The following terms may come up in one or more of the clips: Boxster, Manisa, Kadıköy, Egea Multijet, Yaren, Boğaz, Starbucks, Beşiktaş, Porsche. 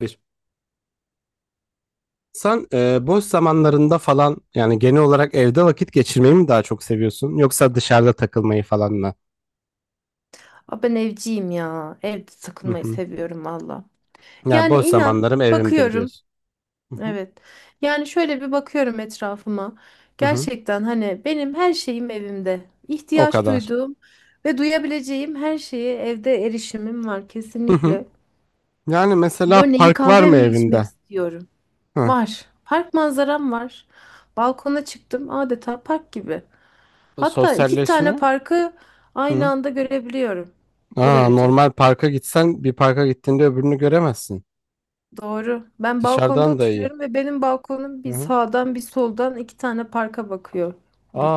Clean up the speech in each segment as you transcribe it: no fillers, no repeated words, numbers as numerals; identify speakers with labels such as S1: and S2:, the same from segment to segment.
S1: Bir. Sen boş zamanlarında falan yani genel olarak evde vakit geçirmeyi mi daha çok seviyorsun yoksa dışarıda takılmayı falan mı?
S2: Ben evciyim ya. Evde
S1: Hı
S2: takılmayı
S1: hı.
S2: seviyorum valla.
S1: Yani
S2: Yani
S1: boş
S2: inan
S1: zamanlarım evimdir
S2: bakıyorum.
S1: diyorsun. Hı hı.
S2: Evet. Yani şöyle bir bakıyorum etrafıma.
S1: Hı hı.
S2: Gerçekten hani benim her şeyim evimde.
S1: O
S2: İhtiyaç
S1: kadar.
S2: duyduğum ve duyabileceğim her şeye evde erişimim var
S1: Hı hı.
S2: kesinlikle.
S1: Yani mesela
S2: Örneğin
S1: park var
S2: kahve
S1: mı
S2: mi içmek
S1: evinde?
S2: istiyorum?
S1: Hı.
S2: Var. Park manzaram var. Balkona çıktım adeta park gibi. Hatta iki tane
S1: Sosyalleşme?
S2: parkı aynı
S1: Hı.
S2: anda görebiliyorum. O
S1: Aa,
S2: derece.
S1: normal parka gitsen bir parka gittiğinde öbürünü göremezsin.
S2: Doğru. Ben balkonda
S1: Dışarıdan da iyi.
S2: oturuyorum ve benim balkonum
S1: Hı
S2: bir
S1: hı.
S2: sağdan bir soldan iki tane parka bakıyor.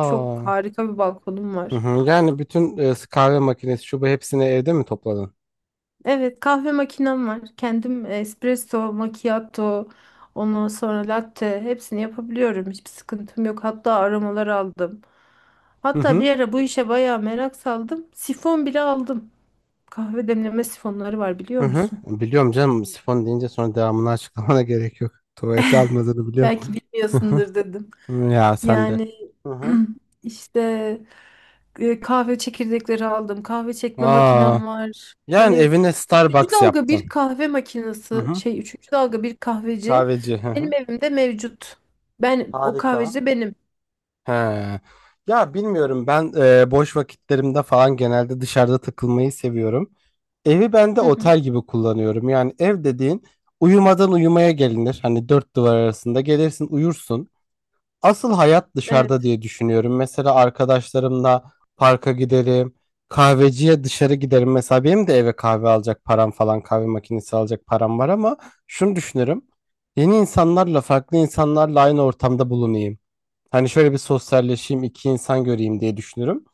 S2: Çok harika bir balkonum
S1: Hı
S2: var.
S1: hı. Yani bütün kahve makinesi şu bu hepsini evde mi topladın?
S2: Evet, kahve makinem var. Kendim espresso, macchiato, ondan sonra latte hepsini yapabiliyorum. Hiçbir sıkıntım yok. Hatta aromalar aldım.
S1: Hı
S2: Hatta
S1: hı.
S2: bir ara bu işe bayağı merak saldım. Sifon bile aldım. Kahve demleme sifonları var
S1: Hı
S2: biliyor
S1: hı.
S2: musun?
S1: Biliyorum canım, sifon deyince sonra devamını açıklamana gerek yok. Tuvalete almadığını biliyorum.
S2: Belki
S1: Hı hı.
S2: bilmiyorsundur dedim.
S1: Hı, ya sen de.
S2: Yani
S1: Hı hı.
S2: işte kahve çekirdekleri aldım. Kahve çekme
S1: Aa,
S2: makinem var.
S1: yani
S2: Hani
S1: evine
S2: üçüncü
S1: Starbucks
S2: dalga bir
S1: yaptın.
S2: kahve
S1: Hı
S2: makinesi
S1: hı.
S2: üçüncü dalga bir kahveci
S1: Kahveci. Hı
S2: benim
S1: hı.
S2: evimde mevcut. Ben o kahveci
S1: Harika.
S2: de benim.
S1: He. Ya bilmiyorum, ben boş vakitlerimde falan genelde dışarıda takılmayı seviyorum. Evi ben de
S2: Hı hı.
S1: otel gibi kullanıyorum. Yani ev dediğin uyumadan uyumaya gelinir. Hani dört duvar arasında gelirsin, uyursun. Asıl hayat dışarıda
S2: Evet.
S1: diye düşünüyorum. Mesela arkadaşlarımla parka giderim, kahveciye dışarı giderim. Mesela benim de eve kahve alacak param falan, kahve makinesi alacak param var ama şunu düşünürüm. Yeni insanlarla, farklı insanlarla aynı ortamda bulunayım. Hani şöyle bir sosyalleşeyim, iki insan göreyim diye düşünürüm.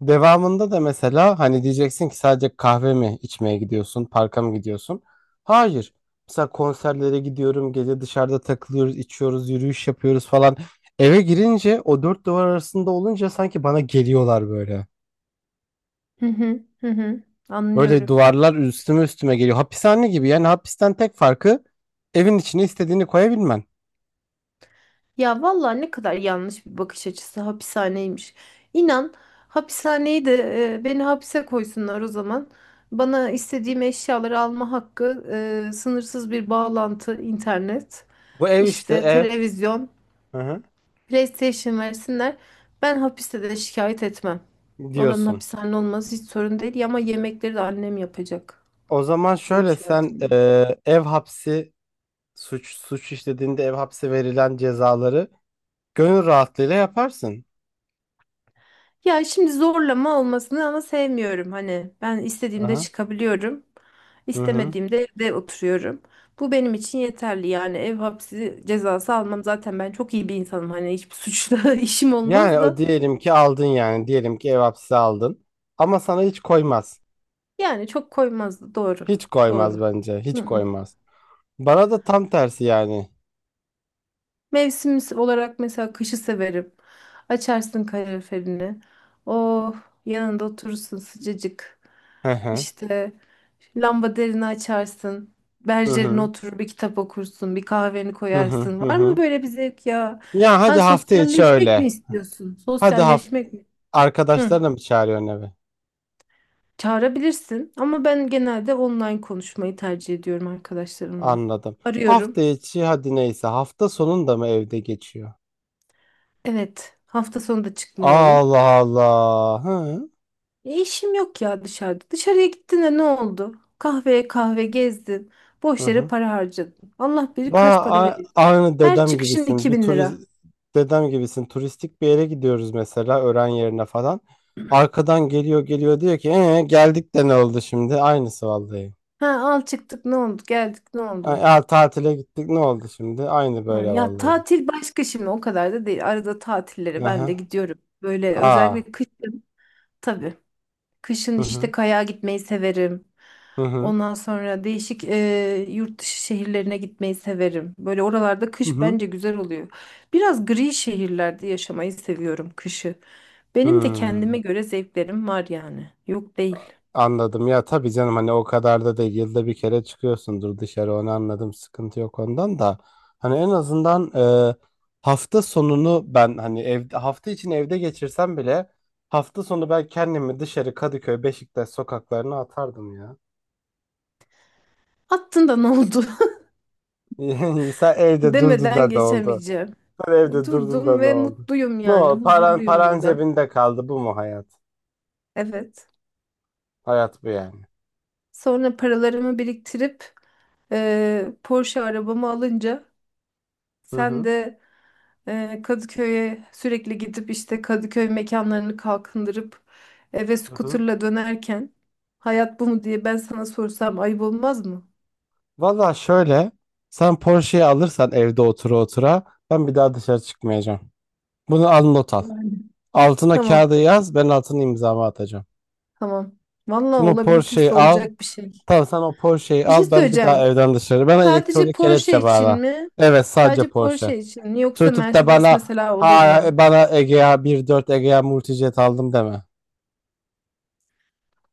S1: Devamında da mesela hani diyeceksin ki sadece kahve mi içmeye gidiyorsun, parka mı gidiyorsun? Hayır. Mesela konserlere gidiyorum, gece dışarıda takılıyoruz, içiyoruz, yürüyüş yapıyoruz falan. Eve girince o dört duvar arasında olunca sanki bana geliyorlar böyle.
S2: Hı hı. Hı hı.
S1: Böyle
S2: Anlıyorum.
S1: duvarlar üstüme üstüme geliyor. Hapishane gibi yani, hapisten tek farkı evin içine istediğini koyabilmen.
S2: Ya vallahi ne kadar yanlış bir bakış açısı hapishaneymiş. İnan hapishaneyi de, beni hapse koysunlar o zaman. Bana istediğim eşyaları alma hakkı, sınırsız bir bağlantı, internet,
S1: Bu ev işte
S2: işte
S1: ev.
S2: televizyon,
S1: Hı hı.
S2: PlayStation versinler. Ben hapiste de şikayet etmem. Oranın
S1: Diyorsun.
S2: hapishane olması hiç sorun değil ama yemekleri de annem yapacak.
S1: O zaman
S2: Böyle bir
S1: şöyle, sen
S2: şartım var.
S1: ev hapsi suç işlediğinde ev hapsi verilen cezaları gönül rahatlığıyla yaparsın.
S2: Ya şimdi zorlama olmasını ama sevmiyorum hani. Ben istediğimde
S1: Aha.
S2: çıkabiliyorum,
S1: Hı hı.
S2: istemediğimde evde oturuyorum. Bu benim için yeterli yani, ev hapsi cezası almam zaten, ben çok iyi bir insanım, hani hiçbir suçla işim
S1: Yani
S2: olmaz
S1: o
S2: da
S1: diyelim ki aldın, yani diyelim ki ev hapsi aldın ama sana hiç koymaz.
S2: yani çok koymazdı, doğru.
S1: Hiç koymaz
S2: Doğru.
S1: bence. Hiç koymaz. Bana da tam tersi yani.
S2: Mevsim olarak mesela kışı severim. Açarsın kaloriferini. Oh, yanında oturursun sıcacık.
S1: Hı hı.
S2: İşte derini açarsın.
S1: Hı
S2: Berjerine
S1: hı.
S2: oturur bir kitap okursun. Bir kahveni
S1: Hı hı.
S2: koyarsın.
S1: Hı
S2: Var mı
S1: hı.
S2: böyle bir zevk ya?
S1: Ya hadi
S2: Ha,
S1: hafta içi
S2: sosyalleşmek mi
S1: öyle.
S2: istiyorsun?
S1: Hadi hafta
S2: Sosyalleşmek mi? Hı.
S1: arkadaşlarına mı çağırıyorsun eve?
S2: Çağırabilirsin ama ben genelde online konuşmayı tercih ediyorum arkadaşlarımla.
S1: Anladım.
S2: Arıyorum.
S1: Hafta içi hadi neyse, hafta sonunda mı evde geçiyor?
S2: Evet, hafta sonu da çıkmıyorum.
S1: Allah Allah. Hı hı.
S2: E, işim yok ya dışarıda. Dışarıya gittin de ne oldu? Kahveye kahve gezdin.
S1: Hı
S2: Boş yere
S1: hı.
S2: para harcadın. Allah bilir kaç para
S1: Aa,
S2: veriyor.
S1: aynı
S2: Her
S1: dedem
S2: çıkışın
S1: gibisin.
S2: iki
S1: Bir
S2: bin lira.
S1: turist dedem gibisin. Turistik bir yere gidiyoruz mesela öğren yerine falan. Arkadan geliyor geliyor, diyor ki geldik de ne oldu şimdi? Aynısı vallahi.
S2: Ha, al çıktık ne oldu? Geldik ne
S1: Ay,
S2: oldu?
S1: aa, tatile gittik ne oldu şimdi? Aynı
S2: Ha,
S1: böyle
S2: ya
S1: vallahi.
S2: tatil başka şimdi, o kadar da değil. Arada tatillere ben
S1: Aha.
S2: de gidiyorum. Böyle
S1: Aa.
S2: özellikle kışın tabii. Kışın
S1: Hı
S2: işte
S1: hı.
S2: kayağa gitmeyi severim.
S1: Hı hı.
S2: Ondan sonra değişik yurt dışı şehirlerine gitmeyi severim. Böyle oralarda
S1: Hı
S2: kış
S1: hı.
S2: bence güzel oluyor. Biraz gri şehirlerde yaşamayı seviyorum kışı.
S1: Hı.
S2: Benim de kendime
S1: Hmm.
S2: göre zevklerim var yani. Yok değil.
S1: Anladım ya, tabii canım, hani o kadar da değil, yılda bir kere çıkıyorsundur dışarı, onu anladım, sıkıntı yok ondan da. Hani en azından e, hafta sonunu ben hani, evde hafta için evde geçirsem bile hafta sonu ben kendimi dışarı Kadıköy Beşiktaş sokaklarına atardım ya.
S2: Attın da ne oldu
S1: Sen evde
S2: demeden
S1: durduğunda ne oldu?
S2: geçemeyeceğim.
S1: Sen evde durduğunda
S2: Durdum
S1: ne
S2: ve
S1: oldu?
S2: mutluyum
S1: Ne
S2: yani.
S1: oldu? Paran,
S2: Huzurluyum
S1: paran
S2: burada.
S1: cebinde kaldı, bu mu hayat?
S2: Evet.
S1: Hayat bu yani.
S2: Sonra paralarımı biriktirip Porsche arabamı alınca
S1: Hı
S2: sen
S1: hı.
S2: de Kadıköy'e sürekli gidip işte Kadıköy mekanlarını kalkındırıp eve
S1: Hı hı.
S2: scooter'la dönerken hayat bu mu diye ben sana sorsam ayıp olmaz mı?
S1: Valla şöyle, sen Porsche'yi alırsan evde otura otura ben bir daha dışarı çıkmayacağım. Bunu al, not al.
S2: Yani.
S1: Altına
S2: Tamam,
S1: kağıda yaz, ben altına imzamı atacağım.
S2: tamam. Vallahi
S1: Sen o Porsche'yi
S2: olabilitesi
S1: al.
S2: olacak bir şey.
S1: Tamam, sen o Porsche'yi
S2: Bir şey
S1: al, ben bir daha
S2: söyleyeceğim.
S1: evden dışarı. Bana
S2: Sadece
S1: elektronik
S2: Porsche
S1: kelepçe
S2: için
S1: bağla.
S2: mi?
S1: Evet, sadece
S2: Sadece
S1: Porsche.
S2: Porsche için mi? Yoksa
S1: Tutup da
S2: Mercedes
S1: bana,
S2: mesela olur
S1: ha,
S2: mu?
S1: bana Egea 1.4 Egea Multijet aldım deme.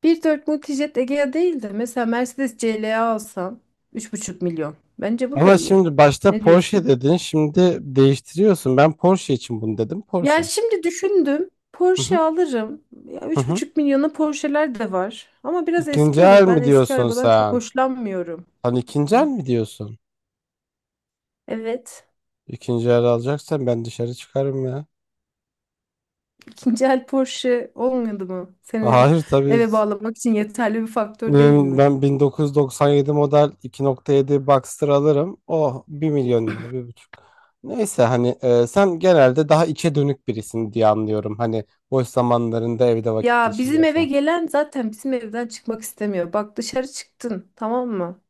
S2: 1,4 Multijet Egea değil de mesela Mercedes CLA alsan 3,5 milyon. Bence bu da
S1: Ama
S2: iyi.
S1: şimdi başta
S2: Ne
S1: Porsche
S2: diyorsun?
S1: dedin, şimdi değiştiriyorsun. Ben Porsche için bunu dedim,
S2: Ya
S1: Porsche.
S2: şimdi düşündüm.
S1: Hı
S2: Porsche
S1: hı,
S2: alırım. Ya
S1: hı
S2: üç
S1: hı.
S2: buçuk milyona Porsche'ler de var. Ama biraz
S1: İkinci
S2: eski
S1: el
S2: olur. Ben
S1: mi
S2: eski
S1: diyorsun
S2: arabadan çok
S1: sen?
S2: hoşlanmıyorum.
S1: Hani ikinci
S2: Hı.
S1: el mi diyorsun?
S2: Evet.
S1: İkinci el alacaksan ben dışarı çıkarım ya.
S2: İkinci el Porsche olmadı mı? Seni
S1: Hayır tabii.
S2: eve bağlamak için yeterli bir faktör değil
S1: Hmm.
S2: mi?
S1: Ben 1997 model 2.7 Boxster alırım. O 1 milyon lira, bir buçuk. Neyse hani, sen genelde daha içe dönük birisin diye anlıyorum. Hani boş zamanlarında evde vakit
S2: Ya bizim eve
S1: geçiriyorsan.
S2: gelen zaten bizim evden çıkmak istemiyor. Bak, dışarı çıktın, tamam mı?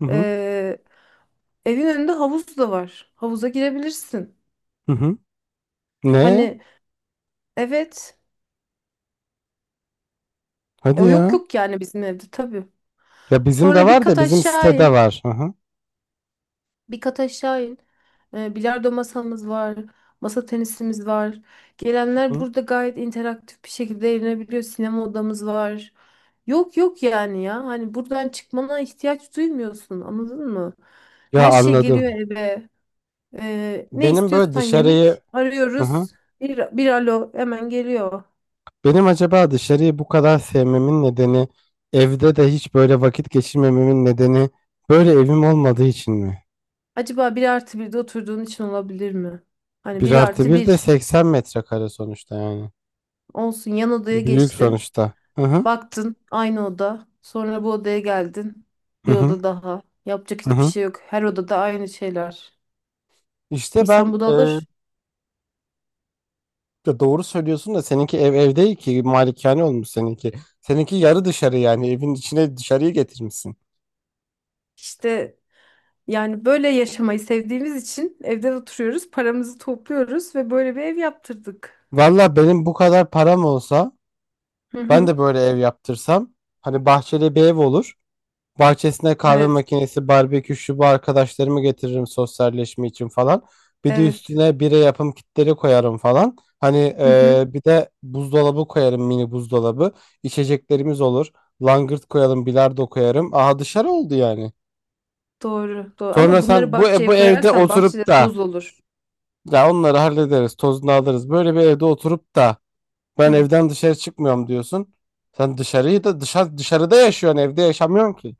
S1: Hı hı.
S2: Ee, Evin önünde havuz da var. Havuza girebilirsin.
S1: Hı hı. Ne?
S2: Hani, evet.
S1: Hadi
S2: Yok
S1: ya.
S2: yok yani bizim evde tabii.
S1: Ya bizim de
S2: Sonra bir
S1: var da,
S2: kat
S1: bizim
S2: aşağı
S1: sitede
S2: in.
S1: var. Hı hı.
S2: Bir kat aşağı in. Bilardo masamız var. Masa tenisimiz var. Gelenler
S1: Hı.
S2: burada gayet interaktif bir şekilde eğlenebiliyor. Sinema odamız var. Yok yok yani ya. Hani buradan çıkmana ihtiyaç duymuyorsun. Anladın mı?
S1: Ya
S2: Her şey geliyor
S1: anladım.
S2: eve. Ne
S1: Benim böyle
S2: istiyorsan
S1: dışarıyı.
S2: yemek
S1: Hı hı.
S2: arıyoruz. Bir alo, hemen geliyor.
S1: Benim acaba dışarıyı bu kadar sevmemin nedeni, evde de hiç böyle vakit geçirmememin nedeni böyle evim olmadığı için mi?
S2: Acaba 1+1'de oturduğun için olabilir mi? Hani
S1: Bir
S2: bir
S1: artı
S2: artı
S1: bir de
S2: bir
S1: 80 metrekare sonuçta yani.
S2: olsun, yan odaya
S1: Büyük
S2: geçtin.
S1: sonuçta. Hı hı,
S2: Baktın, aynı oda. Sonra bu odaya geldin.
S1: hı
S2: Bir
S1: hı.
S2: oda daha. Yapacak
S1: Hı
S2: hiçbir
S1: hı.
S2: şey yok. Her odada aynı şeyler.
S1: İşte
S2: İnsan
S1: ben
S2: bunalır.
S1: ya doğru söylüyorsun da seninki ev, ev değil ki, malikane olmuş seninki. Seninki yarı dışarı, yani evin içine dışarıyı getirmişsin.
S2: İşte yani böyle yaşamayı sevdiğimiz için evde oturuyoruz, paramızı topluyoruz ve böyle bir ev yaptırdık.
S1: Valla benim bu kadar param olsa
S2: Hı
S1: ben
S2: hı.
S1: de böyle ev yaptırsam hani bahçeli bir ev olur. Bahçesine kahve
S2: Evet,
S1: makinesi, barbekü, şu bu, arkadaşlarımı getiririm sosyalleşme için falan. Bir de
S2: evet.
S1: üstüne bire yapım kitleri koyarım falan. Hani
S2: Hı hı.
S1: bir de buzdolabı koyarım, mini buzdolabı. İçeceklerimiz olur. Langırt koyalım, bilardo koyarım. Aha, dışarı oldu yani.
S2: Doğru, doğru.
S1: Sonra
S2: Ama bunları
S1: sen bu bu
S2: bahçeye
S1: evde
S2: koyarsan bahçede
S1: oturup da
S2: toz olur.
S1: ya, onları hallederiz, tozunu alırız. Böyle bir evde oturup da ben
S2: Hı.
S1: evden dışarı çıkmıyorum diyorsun. Sen dışarıyı da dışarıda yaşıyorsun, evde yaşamıyorsun ki.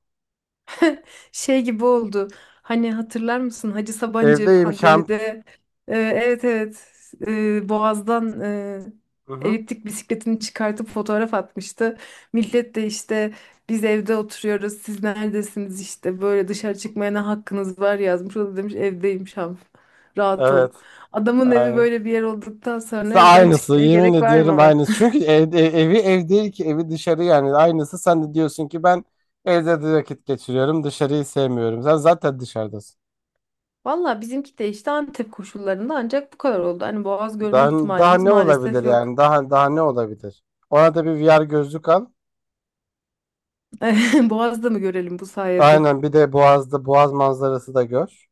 S2: Şey gibi oldu. Hani hatırlar mısın, Hacı Sabancı
S1: Evdeyim şamp.
S2: pandemide evet, evet, Boğaz'dan
S1: Hı hı.
S2: eliptik bisikletini çıkartıp fotoğraf atmıştı. Millet de işte, biz evde oturuyoruz siz neredesiniz, işte böyle dışarı çıkmaya ne hakkınız var yazmış. O da demiş, evdeyim Şam, rahat ol.
S1: Evet.
S2: Adamın evi
S1: Aynen.
S2: böyle bir yer olduktan sonra evden
S1: Aynısı,
S2: çıkmaya
S1: yemin
S2: gerek var
S1: ediyorum
S2: mı?
S1: aynısı. Çünkü evi ev değil ki, evi dışarı yani, aynısı. Sen de diyorsun ki ben evde de vakit geçiriyorum, dışarıyı sevmiyorum. Sen zaten dışarıdasın.
S2: Valla bizimki de işte Antep koşullarında ancak bu kadar oldu. Hani Boğaz görme
S1: Daha, daha
S2: ihtimalimiz
S1: ne olabilir
S2: maalesef
S1: yani,
S2: yok.
S1: daha daha ne olabilir? Ona da bir VR gözlük al.
S2: Boğaz'da mı görelim bu sayede?
S1: Aynen, bir de Boğaz'da Boğaz manzarası da gör.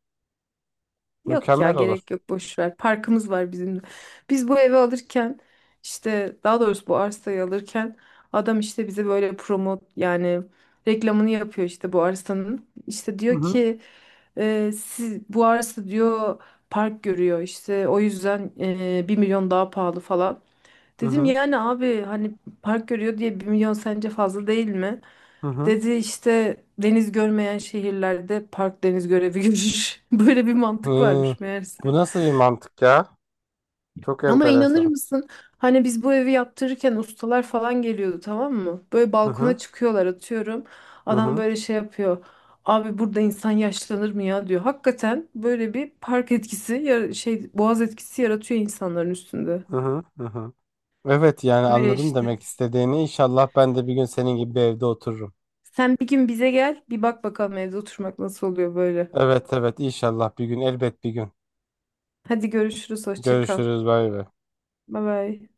S2: Yok ya,
S1: Mükemmel olur.
S2: gerek yok boş ver. Parkımız var bizim de. Biz bu evi alırken, işte daha doğrusu bu arsayı alırken, adam işte bize böyle promo yani reklamını yapıyor işte bu arsanın. İşte
S1: Hı
S2: diyor
S1: hı.
S2: ki, siz bu arsa diyor park görüyor, işte o yüzden 1 milyon daha pahalı falan.
S1: Hı
S2: Dedim
S1: hı.
S2: yani abi, hani park görüyor diye 1 milyon sence fazla değil mi?
S1: Hı hı.
S2: Dedi işte, deniz görmeyen şehirlerde park deniz görevi görür. Böyle bir mantık
S1: Hı.
S2: varmış meğerse.
S1: Bu nasıl bir mantık ya? Çok
S2: Ama inanır
S1: enteresan.
S2: mısın? Hani biz bu evi yaptırırken ustalar falan geliyordu, tamam mı? Böyle
S1: Hı hı.
S2: balkona çıkıyorlar, atıyorum.
S1: Hı
S2: Adam
S1: hı.
S2: böyle şey yapıyor. Abi burada insan yaşlanır mı ya, diyor. Hakikaten böyle bir park etkisi boğaz etkisi yaratıyor insanların üstünde.
S1: Hı hı. Hı hı. Evet, yani
S2: Öyle
S1: anladım
S2: işte.
S1: demek istediğini. İnşallah ben de bir gün senin gibi bir evde otururum.
S2: Sen bir gün bize gel, bir bak bakalım evde oturmak nasıl oluyor böyle.
S1: Evet evet, inşallah bir gün, elbet bir gün.
S2: Hadi görüşürüz, hoşça kal.
S1: Görüşürüz, bay bay.
S2: Bye bye.